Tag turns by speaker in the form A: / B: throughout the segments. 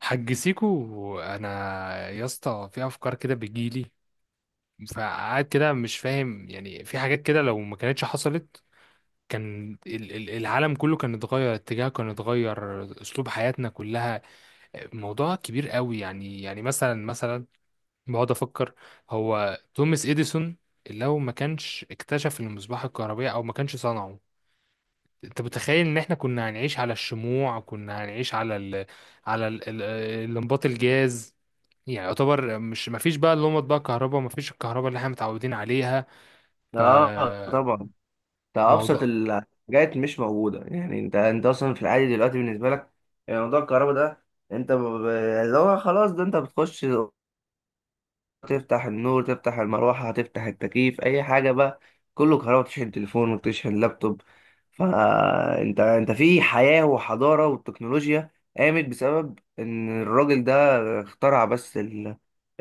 A: حج سيكو، انا يا اسطى في افكار كده بتجيلي. فقعد كده مش فاهم، يعني في حاجات كده لو ما كانتش حصلت كان العالم كله كان اتغير اتجاهه، كان اتغير اسلوب حياتنا كلها. موضوع كبير قوي يعني. مثلا بقعد افكر. هو توماس اديسون لو ما كانش اكتشف المصباح الكهربائي او ما كانش صنعه، انت متخيل ان احنا كنا هنعيش على الشموع، كنا هنعيش على على ال... ال- الانباط الجاز. يعني يعتبر مش، ما فيش بقى اللي هم بقى كهرباء، ما فيش الكهرباء اللي احنا متعودين عليها.
B: اه،
A: فالموضوع،
B: طبعا. ده ابسط الحاجات مش موجوده. يعني انت اصلا في العادي دلوقتي بالنسبه لك، يعني موضوع الكهرباء ده، انت اللي هو خلاص ده انت بتخش تفتح النور، تفتح المروحة، هتفتح التكييف، أي حاجة بقى كله كهرباء، تشحن تليفون وتشحن لابتوب. فأنت أنت أنت في حياة وحضارة، والتكنولوجيا قامت بسبب إن الراجل ده اخترع بس ال-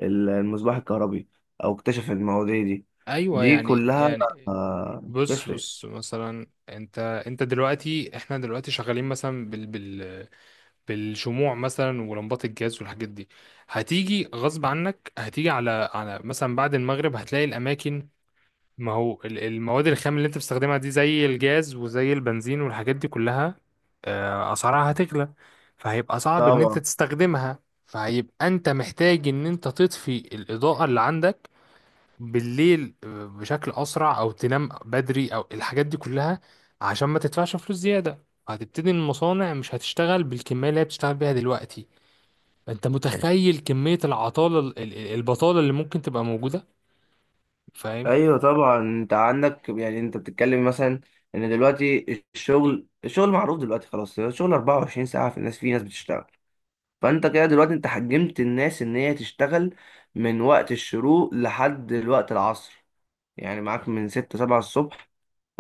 B: ال- المصباح الكهربي، أو اكتشف المواضيع دي
A: ايوه.
B: دي
A: يعني
B: كلها،
A: بص
B: تفرق.
A: بص مثلا، انت دلوقتي احنا دلوقتي شغالين مثلا بالشموع مثلا ولمبات الجاز والحاجات دي. هتيجي غصب عنك، هتيجي على مثلا بعد المغرب هتلاقي الاماكن، ما هو المواد الخام اللي انت بتستخدمها دي زي الجاز وزي البنزين والحاجات دي كلها، اسعارها هتغلى، فهيبقى صعب ان انت
B: طبعا.
A: تستخدمها. فهيبقى انت محتاج ان انت تطفي الاضاءة اللي عندك بالليل بشكل اسرع، او تنام بدري، او الحاجات دي كلها عشان ما تدفعش فلوس زيادة. هتبتدي المصانع مش هتشتغل بالكمية اللي هي بتشتغل بيها دلوقتي. انت متخيل كمية العطالة، البطالة اللي ممكن تبقى موجودة؟ فاهم؟
B: ايوه طبعا، انت عندك يعني انت بتتكلم مثلا ان دلوقتي الشغل معروف دلوقتي، خلاص الشغل 24 ساعه، في ناس بتشتغل. فانت كده دلوقتي انت حجمت الناس ان هي تشتغل من وقت الشروق لحد وقت العصر، يعني معاك من ستة سبعة الصبح،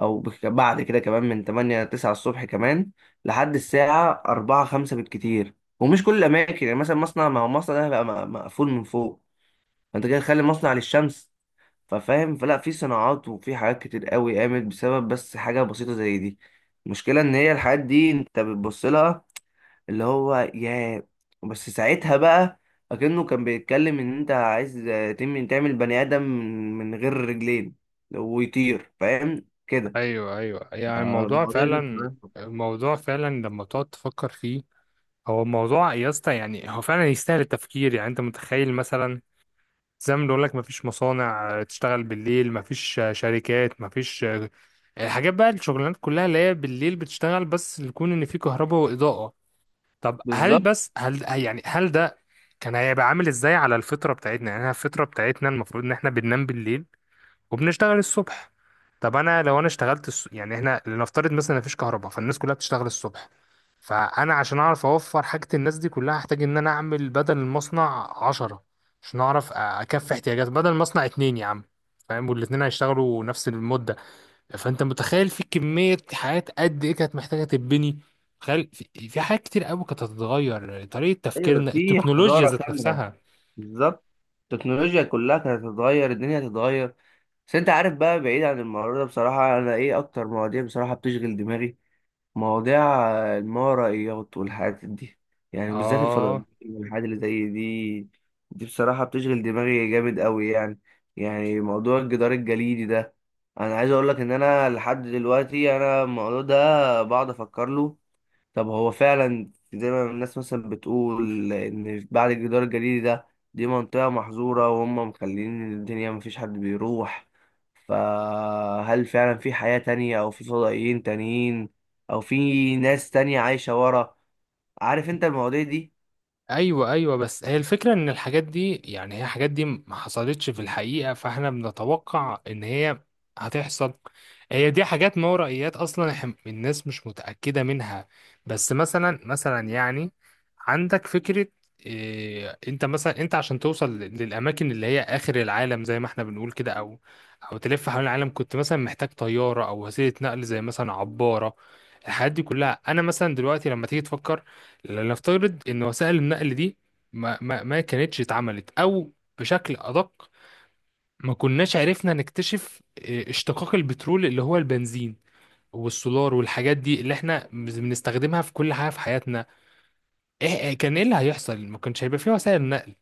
B: او بعد كده كمان من تمانية تسعة الصبح كمان، لحد الساعة أربعة خمسة بالكتير. ومش كل الأماكن، يعني مثلا مصنع، ما هو مصنع ده هيبقى مقفول من فوق، فانت كده تخلي مصنع للشمس، ففاهم؟ فلا، في صناعات وفي حاجات كتير قوي قامت بسبب بس حاجة بسيطة زي دي. المشكلة ان هي الحاجات دي انت بتبص لها اللي هو يا، بس ساعتها بقى اكنه كان بيتكلم ان انت عايز تعمل بني ادم من غير رجلين ويطير، فاهم كده؟
A: ايوه، ايوه. يعني الموضوع
B: المواضيع دي
A: فعلا،
B: بصراحة.
A: الموضوع فعلا لما تقعد تفكر فيه، هو الموضوع يا اسطى يعني هو فعلا يستاهل التفكير. يعني انت متخيل مثلا، زي ما بنقول لك، مفيش مصانع تشتغل بالليل، مفيش شركات، مفيش الحاجات بقى، الشغلانات كلها اللي هي بالليل بتشتغل بس يكون ان في كهرباء واضاءة. طب هل،
B: بالظبط.
A: بس هل، يعني هل ده كان هيبقى عامل ازاي على الفطرة بتاعتنا؟ يعني إحنا الفطرة بتاعتنا المفروض ان احنا بننام بالليل وبنشتغل الصبح. طب انا لو اشتغلت يعني احنا لنفترض مثلا مفيش كهرباء، فالناس كلها بتشتغل الصبح. فانا عشان اعرف اوفر حاجة الناس دي كلها، هحتاج ان انا اعمل بدل المصنع 10، عشان اعرف اكفي احتياجات بدل المصنع اتنين يا عم. فاهم؟ والاتنين هيشتغلوا نفس المدة. فانت متخيل في كمية حاجات قد ايه كانت محتاجة تتبني! تخيل، في حاجات كتير قوي كانت هتتغير، طريقة
B: ايوه،
A: تفكيرنا،
B: في
A: التكنولوجيا
B: حضاره
A: ذات
B: كامله،
A: نفسها.
B: بالظبط. التكنولوجيا كلها كانت هتتغير، الدنيا هتتغير. بس انت عارف بقى، بعيد عن الموضوع ده بصراحه، انا ايه اكتر مواضيع بصراحه بتشغل دماغي؟ مواضيع الماورائيات والحاجات دي، يعني وبالذات
A: اه،
B: الفضائيات والحاجات اللي زي دي. دي بصراحة بتشغل دماغي جامد قوي يعني. يعني موضوع الجدار الجليدي ده، انا عايز اقول لك ان انا لحد دلوقتي انا الموضوع ده بقعد افكر له. طب هو فعلا زي ما الناس مثلا بتقول ان بعد الجدار الجليدي ده دي منطقة محظورة وهم مخلين الدنيا مفيش حد بيروح؟ فهل فعلا في حياة تانية او في فضائيين تانيين، او في ناس تانية عايشة ورا؟ عارف انت المواضيع دي؟
A: ايوه، ايوه، بس هي الفكره ان الحاجات دي، يعني هي الحاجات دي ما حصلتش في الحقيقه، فاحنا بنتوقع ان هي هتحصل. هي دي حاجات ما ورائيات، اصلا الناس مش متاكده منها. بس مثلا يعني عندك فكره، إيه؟ انت مثلا، عشان توصل للاماكن اللي هي اخر العالم زي ما احنا بنقول كده، او تلف حول العالم، كنت مثلا محتاج طياره او وسيله نقل زي مثلا عباره. الحاجات دي كلها، انا مثلا دلوقتي لما تيجي تفكر، لنفترض ان وسائل النقل دي ما كانتش اتعملت، او بشكل ادق، ما كناش عرفنا نكتشف اشتقاق البترول اللي هو البنزين والسولار والحاجات دي اللي احنا بنستخدمها في كل حاجه في حياتنا. إيه كان ايه اللي هيحصل؟ ما كانش هيبقى فيه وسائل نقل.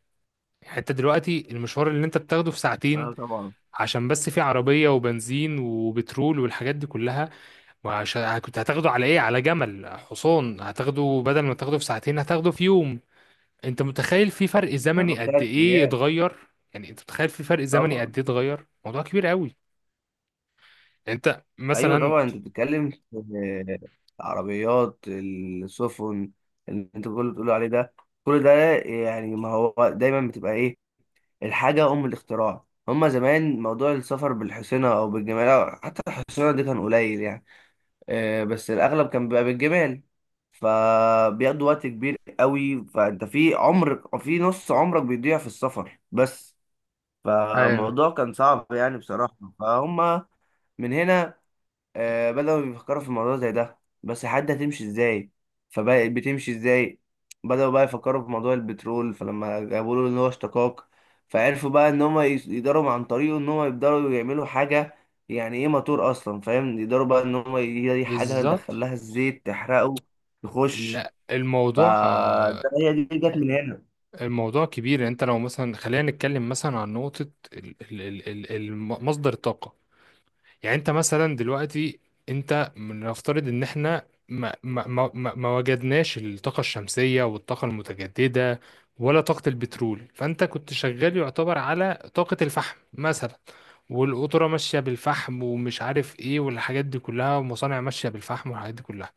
A: يعني انت دلوقتي المشوار اللي انت بتاخده في ساعتين،
B: اه طبعا.
A: عشان بس فيه عربيه وبنزين وبترول والحاجات دي كلها. وعشان كنت هتاخده على ايه؟ على جمل، حصان، هتاخده بدل ما تاخده في ساعتين هتاخده في يوم. انت متخيل في فرق زمني
B: تاخد
A: قد
B: تلات
A: ايه
B: ايام.
A: اتغير؟ يعني انت متخيل في فرق زمني
B: طبعا.
A: قد ايه اتغير؟ موضوع كبير قوي. يعني انت
B: ايوه
A: مثلا.
B: طبعا، انت بتتكلم في العربيات، السفن، اللي انت كل بتقول عليه ده كل ده. يعني ما هو دايما بتبقى ايه، الحاجة أم الاختراع. هما زمان موضوع السفر بالحصينة أو بالجمال، أو حتى الحصينة دي كان قليل يعني، بس الأغلب كان بيبقى بالجمال، فبياخدوا وقت كبير قوي. فأنت في عمر، في نص عمرك بيضيع في السفر بس.
A: ايوه،
B: فالموضوع كان صعب يعني بصراحة، فهم من هنا بدأوا يفكروا في الموضوع زي ده، بس حد هتمشي ازاي؟ فبقت بتمشي ازاي؟ بدأوا بقى يفكروا في موضوع البترول، فلما جابوا له ان هو اشتقاق، فعرفوا بقى ان هم يقدروا عن طريقه ان هم يقدروا يعملوا حاجة، يعني ايه موتور اصلا، فاهم؟ يقدروا بقى ان هم هي دي حاجة
A: بالظبط.
B: ندخلها الزيت تحرقه يخش.
A: لا،
B: فده هي دي جت من هنا.
A: الموضوع كبير. يعني انت لو مثلا، خلينا نتكلم مثلا عن نقطة مصدر الطاقة. يعني انت مثلا دلوقتي، انت نفترض ان احنا ما وجدناش الطاقة الشمسية والطاقة المتجددة، ولا طاقة البترول، فانت كنت شغال يعتبر على طاقة الفحم مثلا، والقطورة ماشية بالفحم ومش عارف ايه والحاجات دي كلها، ومصانع ماشية بالفحم والحاجات دي كلها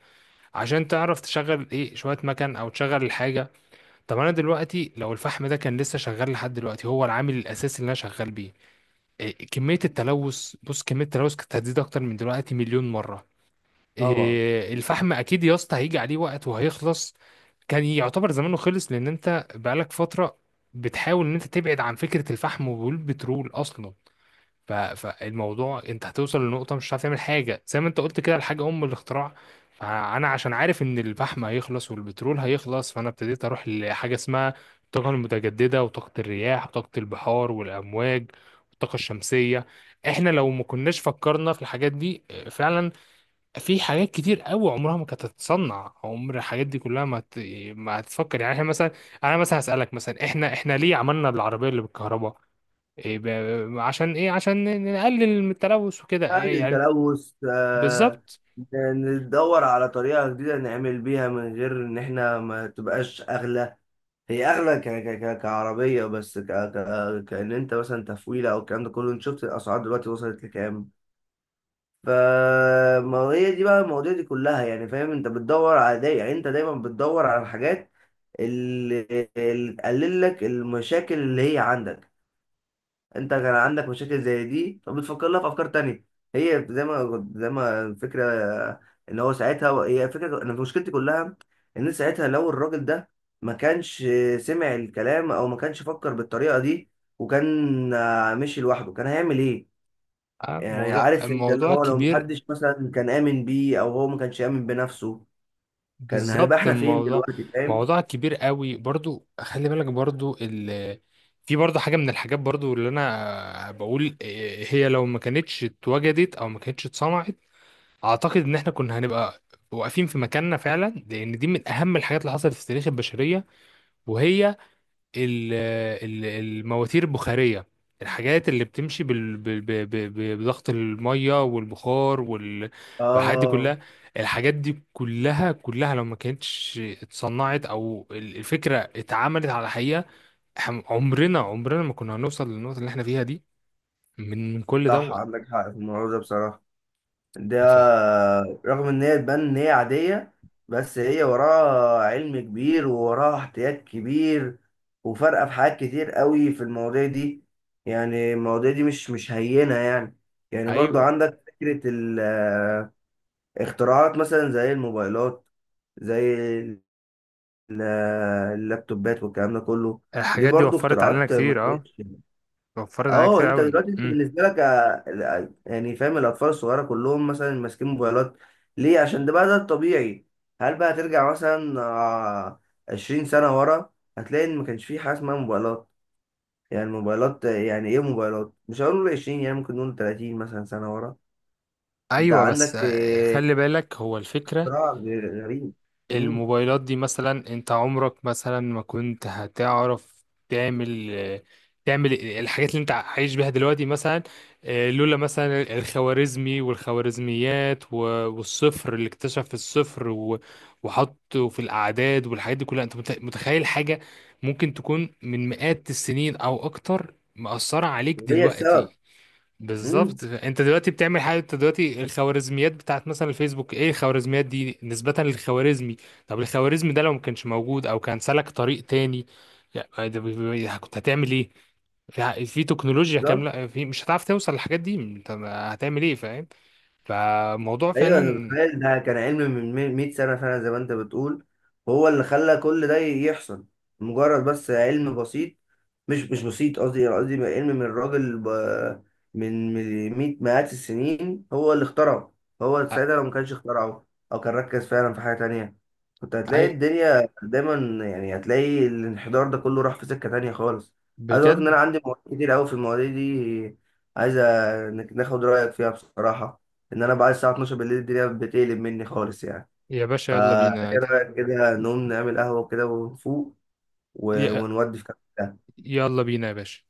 A: عشان تعرف تشغل ايه، شوية مكن او تشغل الحاجة. طب انا دلوقتي لو الفحم ده كان لسه شغال لحد دلوقتي هو العامل الاساسي اللي انا شغال بيه، كمية التلوث، بص كمية التلوث كانت هتزيد أكتر من دلوقتي مليون مرة.
B: طبعا.
A: الفحم أكيد يا اسطى هيجي عليه وقت وهيخلص، كان يعتبر زمانه خلص، لأن أنت بقالك فترة بتحاول إن أنت تبعد عن فكرة الفحم والبترول أصلا. فالموضوع انت هتوصل لنقطة مش هتعرف تعمل حاجة، زي ما انت قلت كده، الحاجة أم الاختراع. فأنا عشان عارف إن الفحم هيخلص والبترول هيخلص، فأنا ابتديت أروح لحاجة اسمها الطاقة المتجددة، وطاقة الرياح، وطاقة البحار والأمواج، والطاقة الشمسية. احنا لو ما كناش فكرنا في الحاجات دي فعلا، في حاجات كتير قوي عمرها ما كانت هتتصنع. عمر الحاجات دي كلها ما هتفكر. يعني احنا مثلا، انا مثلا هسألك مثلا، احنا ليه عملنا العربية اللي بالكهرباء؟ إيه، عشان ايه؟ عشان نقلل من التلوث وكده،
B: قلل
A: إيه يعني؟
B: التلوث، آه،
A: بالظبط.
B: ندور على طريقة جديدة نعمل بيها من غير ان احنا ما تبقاش اغلى. هي اغلى كعربيه، بس كان انت مثلا تفويله او الكلام ده كله، انت شفت الاسعار دلوقتي وصلت لكام؟ ف، ما هي دي بقى المواضيع دي كلها يعني، فاهم؟ انت بتدور على يعني انت دايما بتدور على الحاجات اللي, اللي تقلل لك المشاكل اللي هي عندك. انت كان عندك مشاكل زي دي، فبتفكر لها في افكار تانية. هي زي ما الفكره، ان هو ساعتها هي فكره، انا مشكلتي كلها ان ساعتها لو الراجل ده ما كانش سمع الكلام او ما كانش فكر بالطريقه دي، وكان مشي لوحده، كان هيعمل ايه؟
A: آه،
B: يعني
A: موضوع
B: عارف انت اللي
A: الموضوع
B: هو لو
A: كبير.
B: محدش مثلا كان امن بيه، او هو ما كانش امن بنفسه، كان هنبقى
A: بالظبط
B: احنا فين
A: الموضوع،
B: دلوقتي، فاهم؟
A: موضوع كبير قوي برضو. خلي بالك برضو في برضو حاجة من الحاجات برضو اللي انا بقول، هي لو ما كانتش اتوجدت او ما كانتش اتصنعت، اعتقد ان احنا كنا هنبقى واقفين في مكاننا فعلا، لان دي من اهم الحاجات اللي حصلت في تاريخ البشرية، وهي ال- المواتير البخارية. الحاجات اللي بتمشي بضغط المية والبخار والحاجات دي
B: اه،
A: كلها. الحاجات دي كلها كلها لو ما كانتش اتصنعت، او الفكرة اتعملت على حقيقة، إحنا عمرنا عمرنا ما كنا هنوصل للنقطة اللي احنا فيها دي، من كل
B: صح،
A: دوت.
B: عندك حق في الموضوع ده بصراحه. ده رغم ان هي تبان ان هي عادية، بس هي وراها علم كبير ووراها احتياط كبير، وفارقة في حاجات كتير قوي في المواضيع دي. يعني المواضيع دي مش هينة يعني. يعني برضو
A: فأيوه،
B: عندك فكرة، الاختراعات مثلا زي الموبايلات، زي ال- اللابتوبات والكلام ده كله، دي
A: الحاجات دي
B: برضو
A: وفرت علينا
B: اختراعات ما
A: كتير، اه،
B: كانتش.
A: وفرت علينا
B: اه،
A: كتير
B: انت
A: قوي
B: دلوقتي انت
A: امم
B: بالنسبه لك يعني فاهم الاطفال الصغيره كلهم مثلا ماسكين موبايلات، ليه؟ عشان ده بقى ده الطبيعي. هل بقى ترجع مثلا 20 سنه ورا هتلاقي ان ما كانش في حاجه اسمها موبايلات؟ يعني الموبايلات، يعني ايه موبايلات، مش هقول 20 يعني، ممكن نقول 30 مثلا سنه ورا. انت
A: ايوه، بس
B: عندك
A: خلي بالك، هو الفكرة
B: اختراع غريب. امم
A: الموبايلات دي مثلا، انت عمرك مثلا ما كنت هتعرف تعمل، تعمل الحاجات اللي انت عايش بيها دلوقتي مثلا. لولا مثلا الخوارزمي والخوارزميات، والصفر اللي اكتشف الصفر وحطه في الأعداد والحاجات دي كلها، انت متخيل حاجة ممكن تكون من مئات السنين او اكتر مأثرة عليك
B: وهي السبب.
A: دلوقتي؟
B: امم
A: بالظبط. انت دلوقتي بتعمل حاجه، انت دلوقتي الخوارزميات بتاعت مثلا الفيسبوك، ايه الخوارزميات دي؟ نسبه للخوارزمي. طب الخوارزمي ده لو ما كانش موجود او كان سلك طريق تاني، يعني ده كنت هتعمل ايه؟ في تكنولوجيا كامله، في مش هتعرف توصل للحاجات دي، انت هتعمل ايه؟ فاهم؟ فموضوع
B: ايوه، انا
A: فعلا.
B: متخيل ده كان علم من 100 سنه فعلا زي ما انت بتقول، هو اللي خلى كل ده يحصل. مجرد بس علم بسيط، مش بسيط قصدي، يعني قصدي بقى علم من الراجل من مئات السنين هو اللي اخترعه. هو
A: أ-
B: ساعتها لو ما كانش اخترعه، او كان ركز فعلا في حاجة تانية، كنت هتلاقي
A: أي-
B: الدنيا دايما، يعني هتلاقي الانحدار ده كله راح في سكة تانية خالص. عايز اقول لك ان
A: بجد
B: انا عندي مواضيع كتير قوي في المواضيع دي، عايز انك ناخد رأيك فيها بصراحة. ان انا بعد الساعة 12 بالليل الدنيا بتقلب مني خالص يعني.
A: يا باشا يلا
B: فا
A: بينا
B: ايه
A: عادي.
B: رأيك كده نقوم نعمل قهوة كده ونفوق،
A: ي-
B: ونودي في كده.
A: يلا بينا يا باشا.